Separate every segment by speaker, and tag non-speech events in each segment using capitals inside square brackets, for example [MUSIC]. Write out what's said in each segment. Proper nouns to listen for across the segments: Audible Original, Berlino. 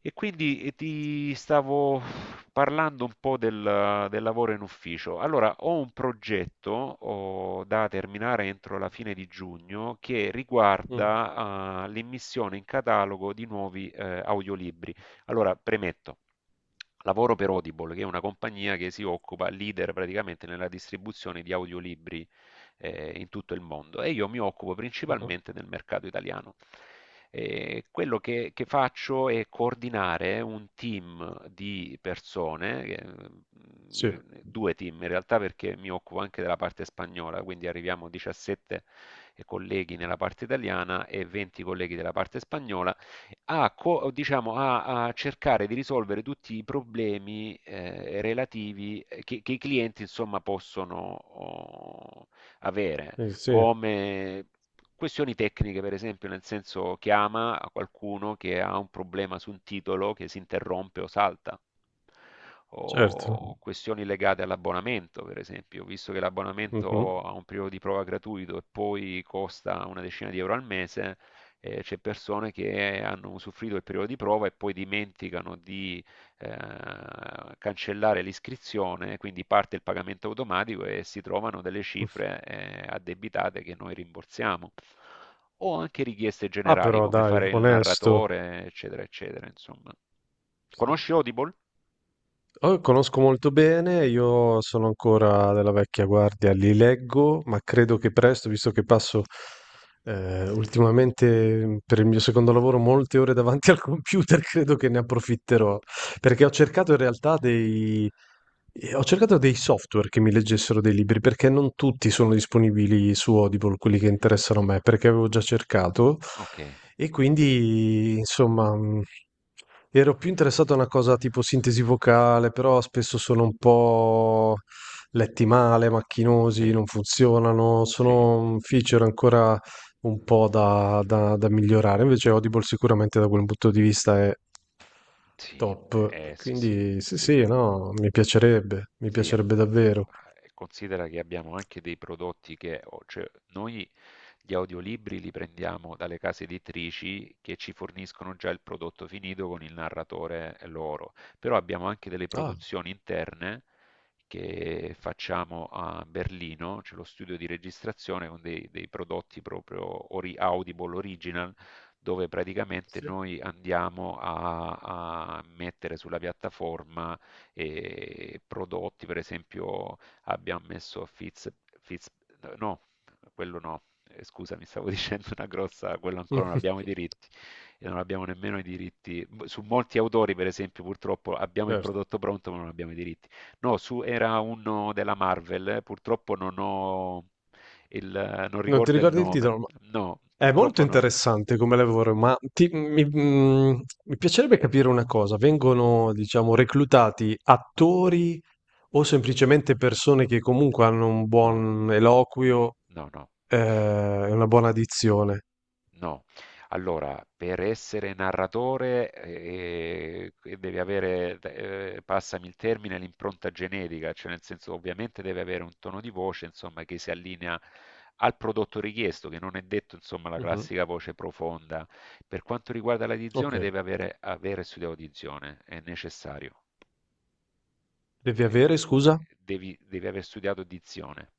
Speaker 1: E quindi ti stavo parlando un po' del lavoro in ufficio. Allora, ho un progetto, da terminare entro la fine di giugno, che
Speaker 2: Mh.
Speaker 1: riguarda l'immissione in catalogo di nuovi audiolibri. Allora, premetto. Lavoro per Audible, che è una compagnia che si occupa, leader praticamente nella distribuzione di audiolibri in tutto il mondo, e io mi occupo
Speaker 2: Mh-mh.
Speaker 1: principalmente del mercato italiano. Quello che faccio è coordinare un team di persone,
Speaker 2: Sì,
Speaker 1: due team in realtà, perché mi occupo anche della parte spagnola, quindi arriviamo a 17 colleghi nella parte italiana e 20 colleghi della parte spagnola, diciamo, a cercare di risolvere tutti i problemi relativi che i clienti, insomma, possono avere,
Speaker 2: sì, sì,
Speaker 1: come questioni tecniche, per esempio, nel senso chiama a qualcuno che ha un problema su un titolo che si interrompe o salta,
Speaker 2: certo.
Speaker 1: o questioni legate all'abbonamento, per esempio, visto che
Speaker 2: Mh-mh.
Speaker 1: l'abbonamento ha un periodo di prova gratuito e poi costa una decina di euro al mese. Eh, c'è persone che hanno usufruito del periodo di prova e poi dimenticano di cancellare l'iscrizione, quindi parte il pagamento automatico e si trovano delle cifre addebitate che noi rimborsiamo. O anche richieste
Speaker 2: Ah,
Speaker 1: generali,
Speaker 2: però
Speaker 1: come
Speaker 2: dai,
Speaker 1: fare il
Speaker 2: onesto.
Speaker 1: narratore, eccetera, eccetera, insomma.
Speaker 2: Sì.
Speaker 1: Conosci Audible?
Speaker 2: Oh, conosco molto bene, io sono ancora della vecchia guardia, li leggo, ma credo che presto, visto che passo ultimamente per il mio secondo lavoro molte ore davanti al computer, [LAUGHS] credo che ne approfitterò, perché ho cercato in realtà dei, ho cercato dei software che mi leggessero dei libri, perché non tutti sono disponibili su Audible, quelli che interessano a me, perché avevo già cercato,
Speaker 1: Ok,
Speaker 2: e quindi, insomma. Ero più interessato a una cosa tipo sintesi vocale, però spesso sono un po' letti male, macchinosi,
Speaker 1: sì,
Speaker 2: non funzionano,
Speaker 1: sì,
Speaker 2: sono un feature ancora un po' da migliorare. Invece Audible sicuramente da quel punto di vista è
Speaker 1: sì,
Speaker 2: top.
Speaker 1: sì, sì,
Speaker 2: Quindi sì,
Speaker 1: sì.
Speaker 2: sì, no, mi
Speaker 1: Sì,
Speaker 2: piacerebbe davvero.
Speaker 1: considera che abbiamo anche dei prodotti che, cioè, noi gli audiolibri li prendiamo dalle case editrici che ci forniscono già il prodotto finito con il narratore loro, però abbiamo anche delle
Speaker 2: Ah,
Speaker 1: produzioni interne che facciamo a Berlino. C'è lo studio di registrazione con dei prodotti proprio Audible Original, dove praticamente
Speaker 2: sì.
Speaker 1: noi andiamo a mettere sulla piattaforma e prodotti. Per esempio, abbiamo messo Fitz, Fitz no, quello no, scusa, mi stavo [LAUGHS] dicendo una grossa, quello ancora non abbiamo i
Speaker 2: [LAUGHS]
Speaker 1: diritti, e non abbiamo nemmeno i diritti su molti autori. Per esempio, purtroppo abbiamo il
Speaker 2: Certo.
Speaker 1: prodotto pronto, ma non abbiamo i diritti. No, su era uno della Marvel, purtroppo non ho non
Speaker 2: Non ti
Speaker 1: ricordo il
Speaker 2: ricordi il
Speaker 1: nome.
Speaker 2: titolo, ma
Speaker 1: No,
Speaker 2: è molto
Speaker 1: purtroppo no,
Speaker 2: interessante come lavoro, ma mi piacerebbe capire una cosa. Vengono, diciamo, reclutati attori o semplicemente persone che comunque hanno un
Speaker 1: no,
Speaker 2: buon eloquio,
Speaker 1: no, no.
Speaker 2: eh, e una buona dizione?
Speaker 1: No, allora, per essere narratore devi avere, passami il termine, l'impronta genetica, cioè nel senso ovviamente deve avere un tono di voce, insomma, che si allinea al prodotto richiesto, che non è detto, insomma, la
Speaker 2: Mhm.
Speaker 1: classica voce profonda. Per quanto riguarda
Speaker 2: Ok.
Speaker 1: l'addizione deve avere studiato dizione, è necessario.
Speaker 2: Devi
Speaker 1: Eh,
Speaker 2: avere, scusa?
Speaker 1: devi aver studiato dizione.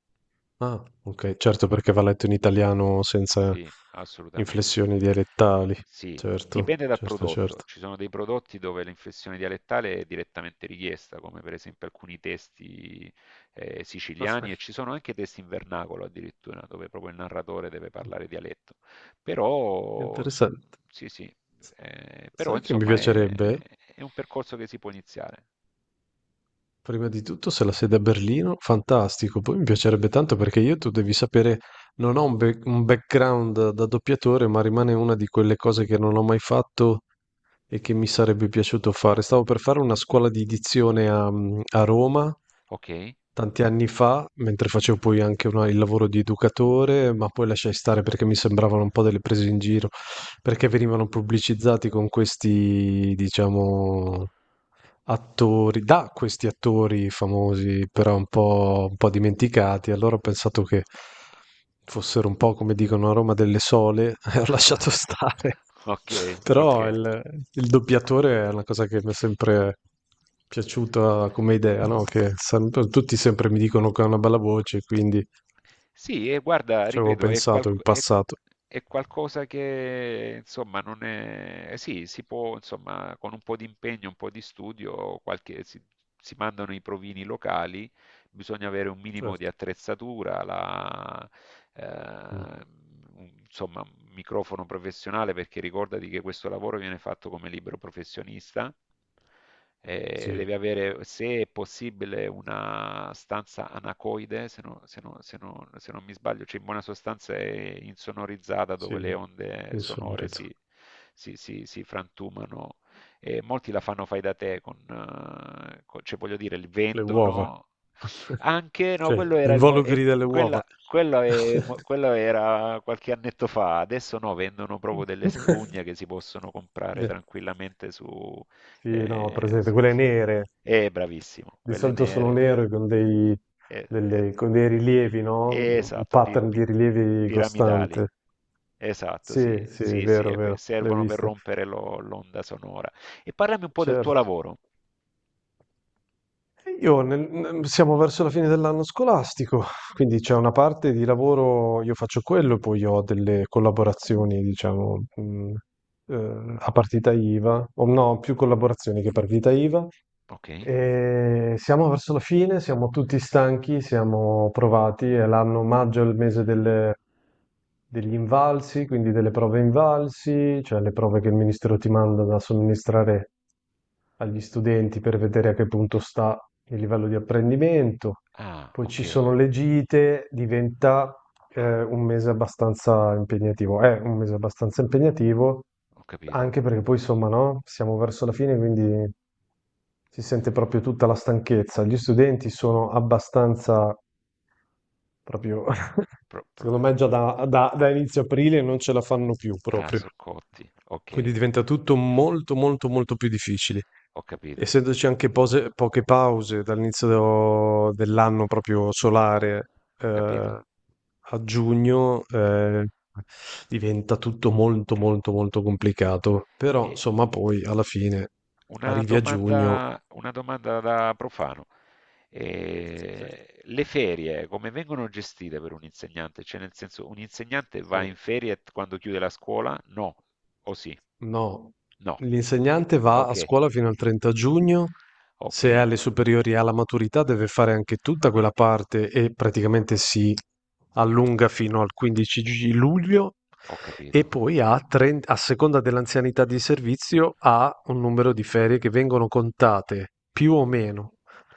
Speaker 2: Ah, ok, certo, perché va letto in italiano senza
Speaker 1: Sì, assolutamente.
Speaker 2: inflessioni dialettali.
Speaker 1: Sì,
Speaker 2: Certo,
Speaker 1: dipende dal
Speaker 2: certo,
Speaker 1: prodotto.
Speaker 2: certo.
Speaker 1: Ci sono dei prodotti dove l'inflessione dialettale è direttamente richiesta, come per esempio alcuni testi
Speaker 2: Ah, sì.
Speaker 1: siciliani, e ci sono anche testi in vernacolo addirittura, dove proprio il narratore deve
Speaker 2: Ah,
Speaker 1: parlare dialetto. Però,
Speaker 2: interessante.
Speaker 1: sì, sì, però,
Speaker 2: Sai che mi
Speaker 1: insomma, è,
Speaker 2: piacerebbe?
Speaker 1: è un percorso che si può iniziare.
Speaker 2: Prima di tutto, se la sede è a Berlino, fantastico. Poi mi piacerebbe tanto perché io, tu devi sapere, non ho un background da doppiatore, ma rimane una di quelle cose che non ho mai fatto e che mi sarebbe piaciuto fare. Stavo per fare una scuola di dizione a Roma
Speaker 1: Ok?
Speaker 2: tanti anni fa, mentre facevo poi anche il lavoro di educatore, ma poi lasciai stare perché mi sembravano un po' delle prese in giro, perché venivano pubblicizzati con questi, diciamo attori, da questi attori famosi, però un po' dimenticati. Allora ho pensato che fossero un po' come dicono a Roma delle sole [LAUGHS] e ho lasciato
Speaker 1: [LAUGHS]
Speaker 2: stare.
Speaker 1: Ok, ok.
Speaker 2: Però il doppiatore è una cosa che mi è sempre piaciuta come idea, no? Che tutti sempre mi dicono che ha una bella voce, quindi
Speaker 1: Sì, e guarda,
Speaker 2: ci avevo
Speaker 1: ripeto,
Speaker 2: pensato in passato.
Speaker 1: è qualcosa che, insomma, non è. Sì, si può, insomma, con un po' di impegno, un po' di studio, si mandano i provini locali, bisogna avere un minimo di
Speaker 2: Certo.
Speaker 1: attrezzatura,
Speaker 2: Mm.
Speaker 1: eh, insomma, un microfono professionale, perché ricordati che questo lavoro viene fatto come libero professionista. Eh,
Speaker 2: Sì,
Speaker 1: devi avere, se è possibile, una stanza anacoide, se non mi sbaglio, cioè in buona sostanza è insonorizzata, dove le
Speaker 2: sì,
Speaker 1: onde sonore
Speaker 2: insonorizzato.
Speaker 1: si frantumano, e molti la fanno fai da te, cioè voglio dire, li
Speaker 2: Le uova.
Speaker 1: vendono
Speaker 2: [LAUGHS]
Speaker 1: anche. No,
Speaker 2: Cioè,
Speaker 1: quello
Speaker 2: gli
Speaker 1: era, il, mo- e
Speaker 2: involucri delle uova.
Speaker 1: quella, quello è mo- quello era qualche annetto fa, adesso no, vendono proprio delle
Speaker 2: [LAUGHS]
Speaker 1: spugne che si possono comprare
Speaker 2: Beh,
Speaker 1: tranquillamente su...
Speaker 2: sì, no,
Speaker 1: eh,
Speaker 2: presente,
Speaker 1: su-
Speaker 2: quelle
Speaker 1: su-
Speaker 2: nere,
Speaker 1: bravissimo,
Speaker 2: di
Speaker 1: quelle
Speaker 2: solito sono
Speaker 1: nere.
Speaker 2: nere con dei,
Speaker 1: eh, eh,
Speaker 2: con dei rilievi, no? Un
Speaker 1: esatto,
Speaker 2: pattern di rilievi
Speaker 1: piramidali.
Speaker 2: costante.
Speaker 1: Esatto, sì,
Speaker 2: Sì, sì,
Speaker 1: sì, sì,
Speaker 2: è
Speaker 1: e
Speaker 2: vero, le ho
Speaker 1: servono per
Speaker 2: viste.
Speaker 1: rompere l'onda sonora. E parlami un po' del tuo
Speaker 2: Certo.
Speaker 1: lavoro.
Speaker 2: Io siamo verso la fine dell'anno scolastico, quindi c'è una parte di lavoro, io faccio quello, poi ho delle collaborazioni, diciamo, a partita IVA, o no, più collaborazioni che partita IVA.
Speaker 1: Ok.
Speaker 2: E siamo verso la fine, siamo tutti stanchi, siamo provati, è l'anno maggio, è il mese degli invalsi, quindi delle prove invalsi, cioè le prove che il ministero ti manda da somministrare agli studenti per vedere a che punto sta il livello di apprendimento.
Speaker 1: Ah,
Speaker 2: Poi
Speaker 1: ok,
Speaker 2: ci sono le gite, diventa un mese abbastanza impegnativo. È un mese abbastanza impegnativo,
Speaker 1: ho capito.
Speaker 2: anche perché poi, insomma, no? Siamo verso la fine, quindi si sente proprio tutta la stanchezza. Gli studenti sono abbastanza. Proprio, [LAUGHS]
Speaker 1: Pro- pro-
Speaker 2: secondo me già da inizio aprile non ce la fanno più
Speaker 1: Ah,
Speaker 2: proprio.
Speaker 1: soccotti.
Speaker 2: Quindi
Speaker 1: Ok,
Speaker 2: diventa tutto molto, molto, molto più difficile.
Speaker 1: ho capito,
Speaker 2: Essendoci anche poche pause dall'inizio dell'anno proprio solare,
Speaker 1: ho capito.
Speaker 2: eh, a giugno, diventa tutto molto, molto, molto complicato. Però,
Speaker 1: E
Speaker 2: insomma, poi alla fine arrivi a giugno.
Speaker 1: una domanda da profano.
Speaker 2: Sì,
Speaker 1: Le ferie come vengono gestite per un insegnante? Cioè, nel senso, un insegnante
Speaker 2: sì.
Speaker 1: va in ferie quando chiude la scuola? No, o sì?
Speaker 2: No,
Speaker 1: No.
Speaker 2: l'insegnante va a
Speaker 1: Ok,
Speaker 2: scuola fino al 30 giugno,
Speaker 1: ok,
Speaker 2: se è alle superiori e alla maturità deve fare anche tutta quella parte e praticamente si allunga fino al 15 luglio
Speaker 1: ho
Speaker 2: e
Speaker 1: capito.
Speaker 2: poi a, 30 a seconda dell'anzianità di servizio ha un numero di ferie che vengono contate più o
Speaker 1: Ho,
Speaker 2: meno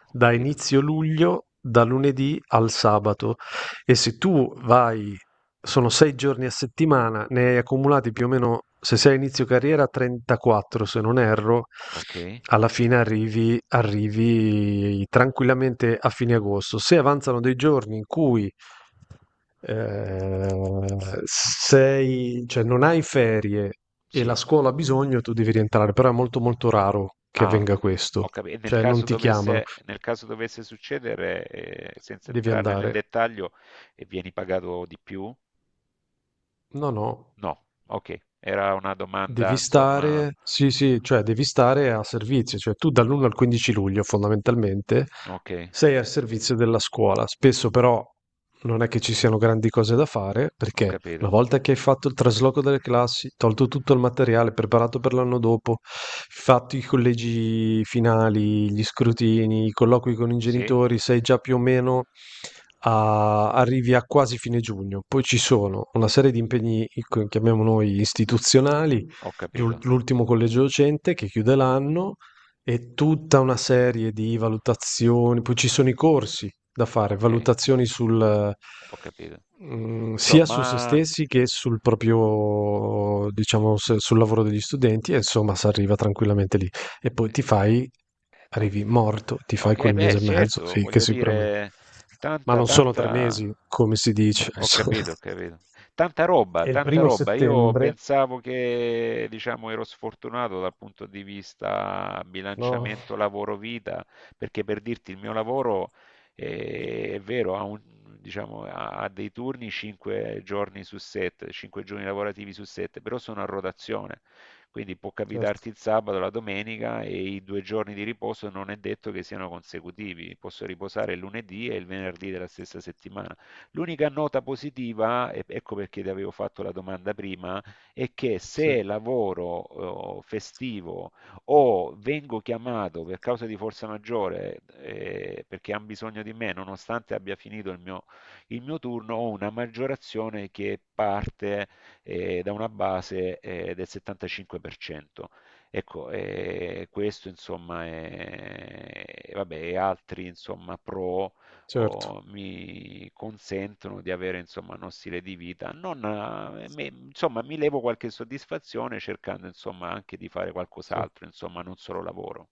Speaker 1: ho
Speaker 2: da
Speaker 1: capito.
Speaker 2: inizio luglio, da lunedì al sabato. E se tu vai, sono 6 giorni a settimana, ne hai accumulati più o meno, se sei a inizio carriera, 34 se non erro,
Speaker 1: Ok,
Speaker 2: alla fine arrivi tranquillamente a fine agosto. Se avanzano dei giorni in cui eh, sei, cioè non hai ferie e la
Speaker 1: sì.
Speaker 2: scuola ha bisogno, tu devi rientrare, però è molto molto raro che
Speaker 1: Ah,
Speaker 2: avvenga questo,
Speaker 1: e
Speaker 2: cioè non ti chiamano,
Speaker 1: nel caso dovesse succedere, senza
Speaker 2: devi
Speaker 1: entrare nel
Speaker 2: andare.
Speaker 1: dettaglio, e vieni pagato di più?
Speaker 2: No, no,
Speaker 1: No, ok, era una domanda,
Speaker 2: devi
Speaker 1: insomma,
Speaker 2: stare sì, sì, cioè devi stare a servizio, cioè tu dall'1 al 15 luglio fondamentalmente
Speaker 1: ok,
Speaker 2: sei al servizio della scuola, spesso però non è che ci siano grandi cose da fare,
Speaker 1: ho
Speaker 2: perché una
Speaker 1: capito.
Speaker 2: volta che hai fatto il trasloco delle classi, tolto tutto il materiale preparato per l'anno dopo, fatto i collegi finali, gli scrutini, i colloqui con i
Speaker 1: Sì,
Speaker 2: genitori, sei già più o meno arrivi a quasi fine giugno. Poi ci sono una serie di impegni, ecco, chiamiamo noi, istituzionali,
Speaker 1: ho capito,
Speaker 2: l'ultimo collegio docente che chiude l'anno e tutta una serie di valutazioni, poi ci sono i corsi da fare,
Speaker 1: ok,
Speaker 2: valutazioni
Speaker 1: ho capito.
Speaker 2: sia su se
Speaker 1: Insomma,
Speaker 2: stessi che sul proprio, diciamo, sul lavoro degli studenti, e insomma, si arriva tranquillamente lì. E poi ti fai,
Speaker 1: Eh,
Speaker 2: arrivi
Speaker 1: tanta-
Speaker 2: morto, ti fai
Speaker 1: ok,
Speaker 2: quel
Speaker 1: beh,
Speaker 2: mese e mezzo,
Speaker 1: certo,
Speaker 2: sì, che
Speaker 1: voglio
Speaker 2: sicuramente.
Speaker 1: dire,
Speaker 2: Ma
Speaker 1: tanta,
Speaker 2: non sono tre
Speaker 1: tanta...
Speaker 2: mesi, come si dice.
Speaker 1: Ho
Speaker 2: [LAUGHS]
Speaker 1: capito, ho capito. Tanta roba,
Speaker 2: E il
Speaker 1: tanta
Speaker 2: primo
Speaker 1: roba. Io
Speaker 2: settembre,
Speaker 1: pensavo che, diciamo, ero sfortunato dal punto di vita
Speaker 2: no,
Speaker 1: bilanciamento lavoro-vita, perché, per dirti, il mio lavoro, è vero, diciamo, ha dei turni 5 giorni su 7, 5 giorni lavorativi su 7, però sono a rotazione. Quindi può
Speaker 2: certo,
Speaker 1: capitarti il sabato, la domenica, e i 2 giorni di riposo non è detto che siano consecutivi, posso riposare il lunedì e il venerdì della stessa settimana. L'unica nota positiva, e ecco perché ti avevo fatto la domanda prima, è che
Speaker 2: sì,
Speaker 1: se lavoro festivo o vengo chiamato per causa di forza maggiore, perché hanno bisogno di me, nonostante abbia finito il mio turno, ho una maggiorazione che parte da una base del 75%. Ecco, questo, insomma, è, vabbè, e altri, insomma, pro
Speaker 2: certo,
Speaker 1: o mi consentono di avere, insomma, uno stile di vita. Non, insomma, mi levo qualche soddisfazione, cercando, insomma, anche di fare
Speaker 2: sì.
Speaker 1: qualcos'altro, insomma, non solo lavoro.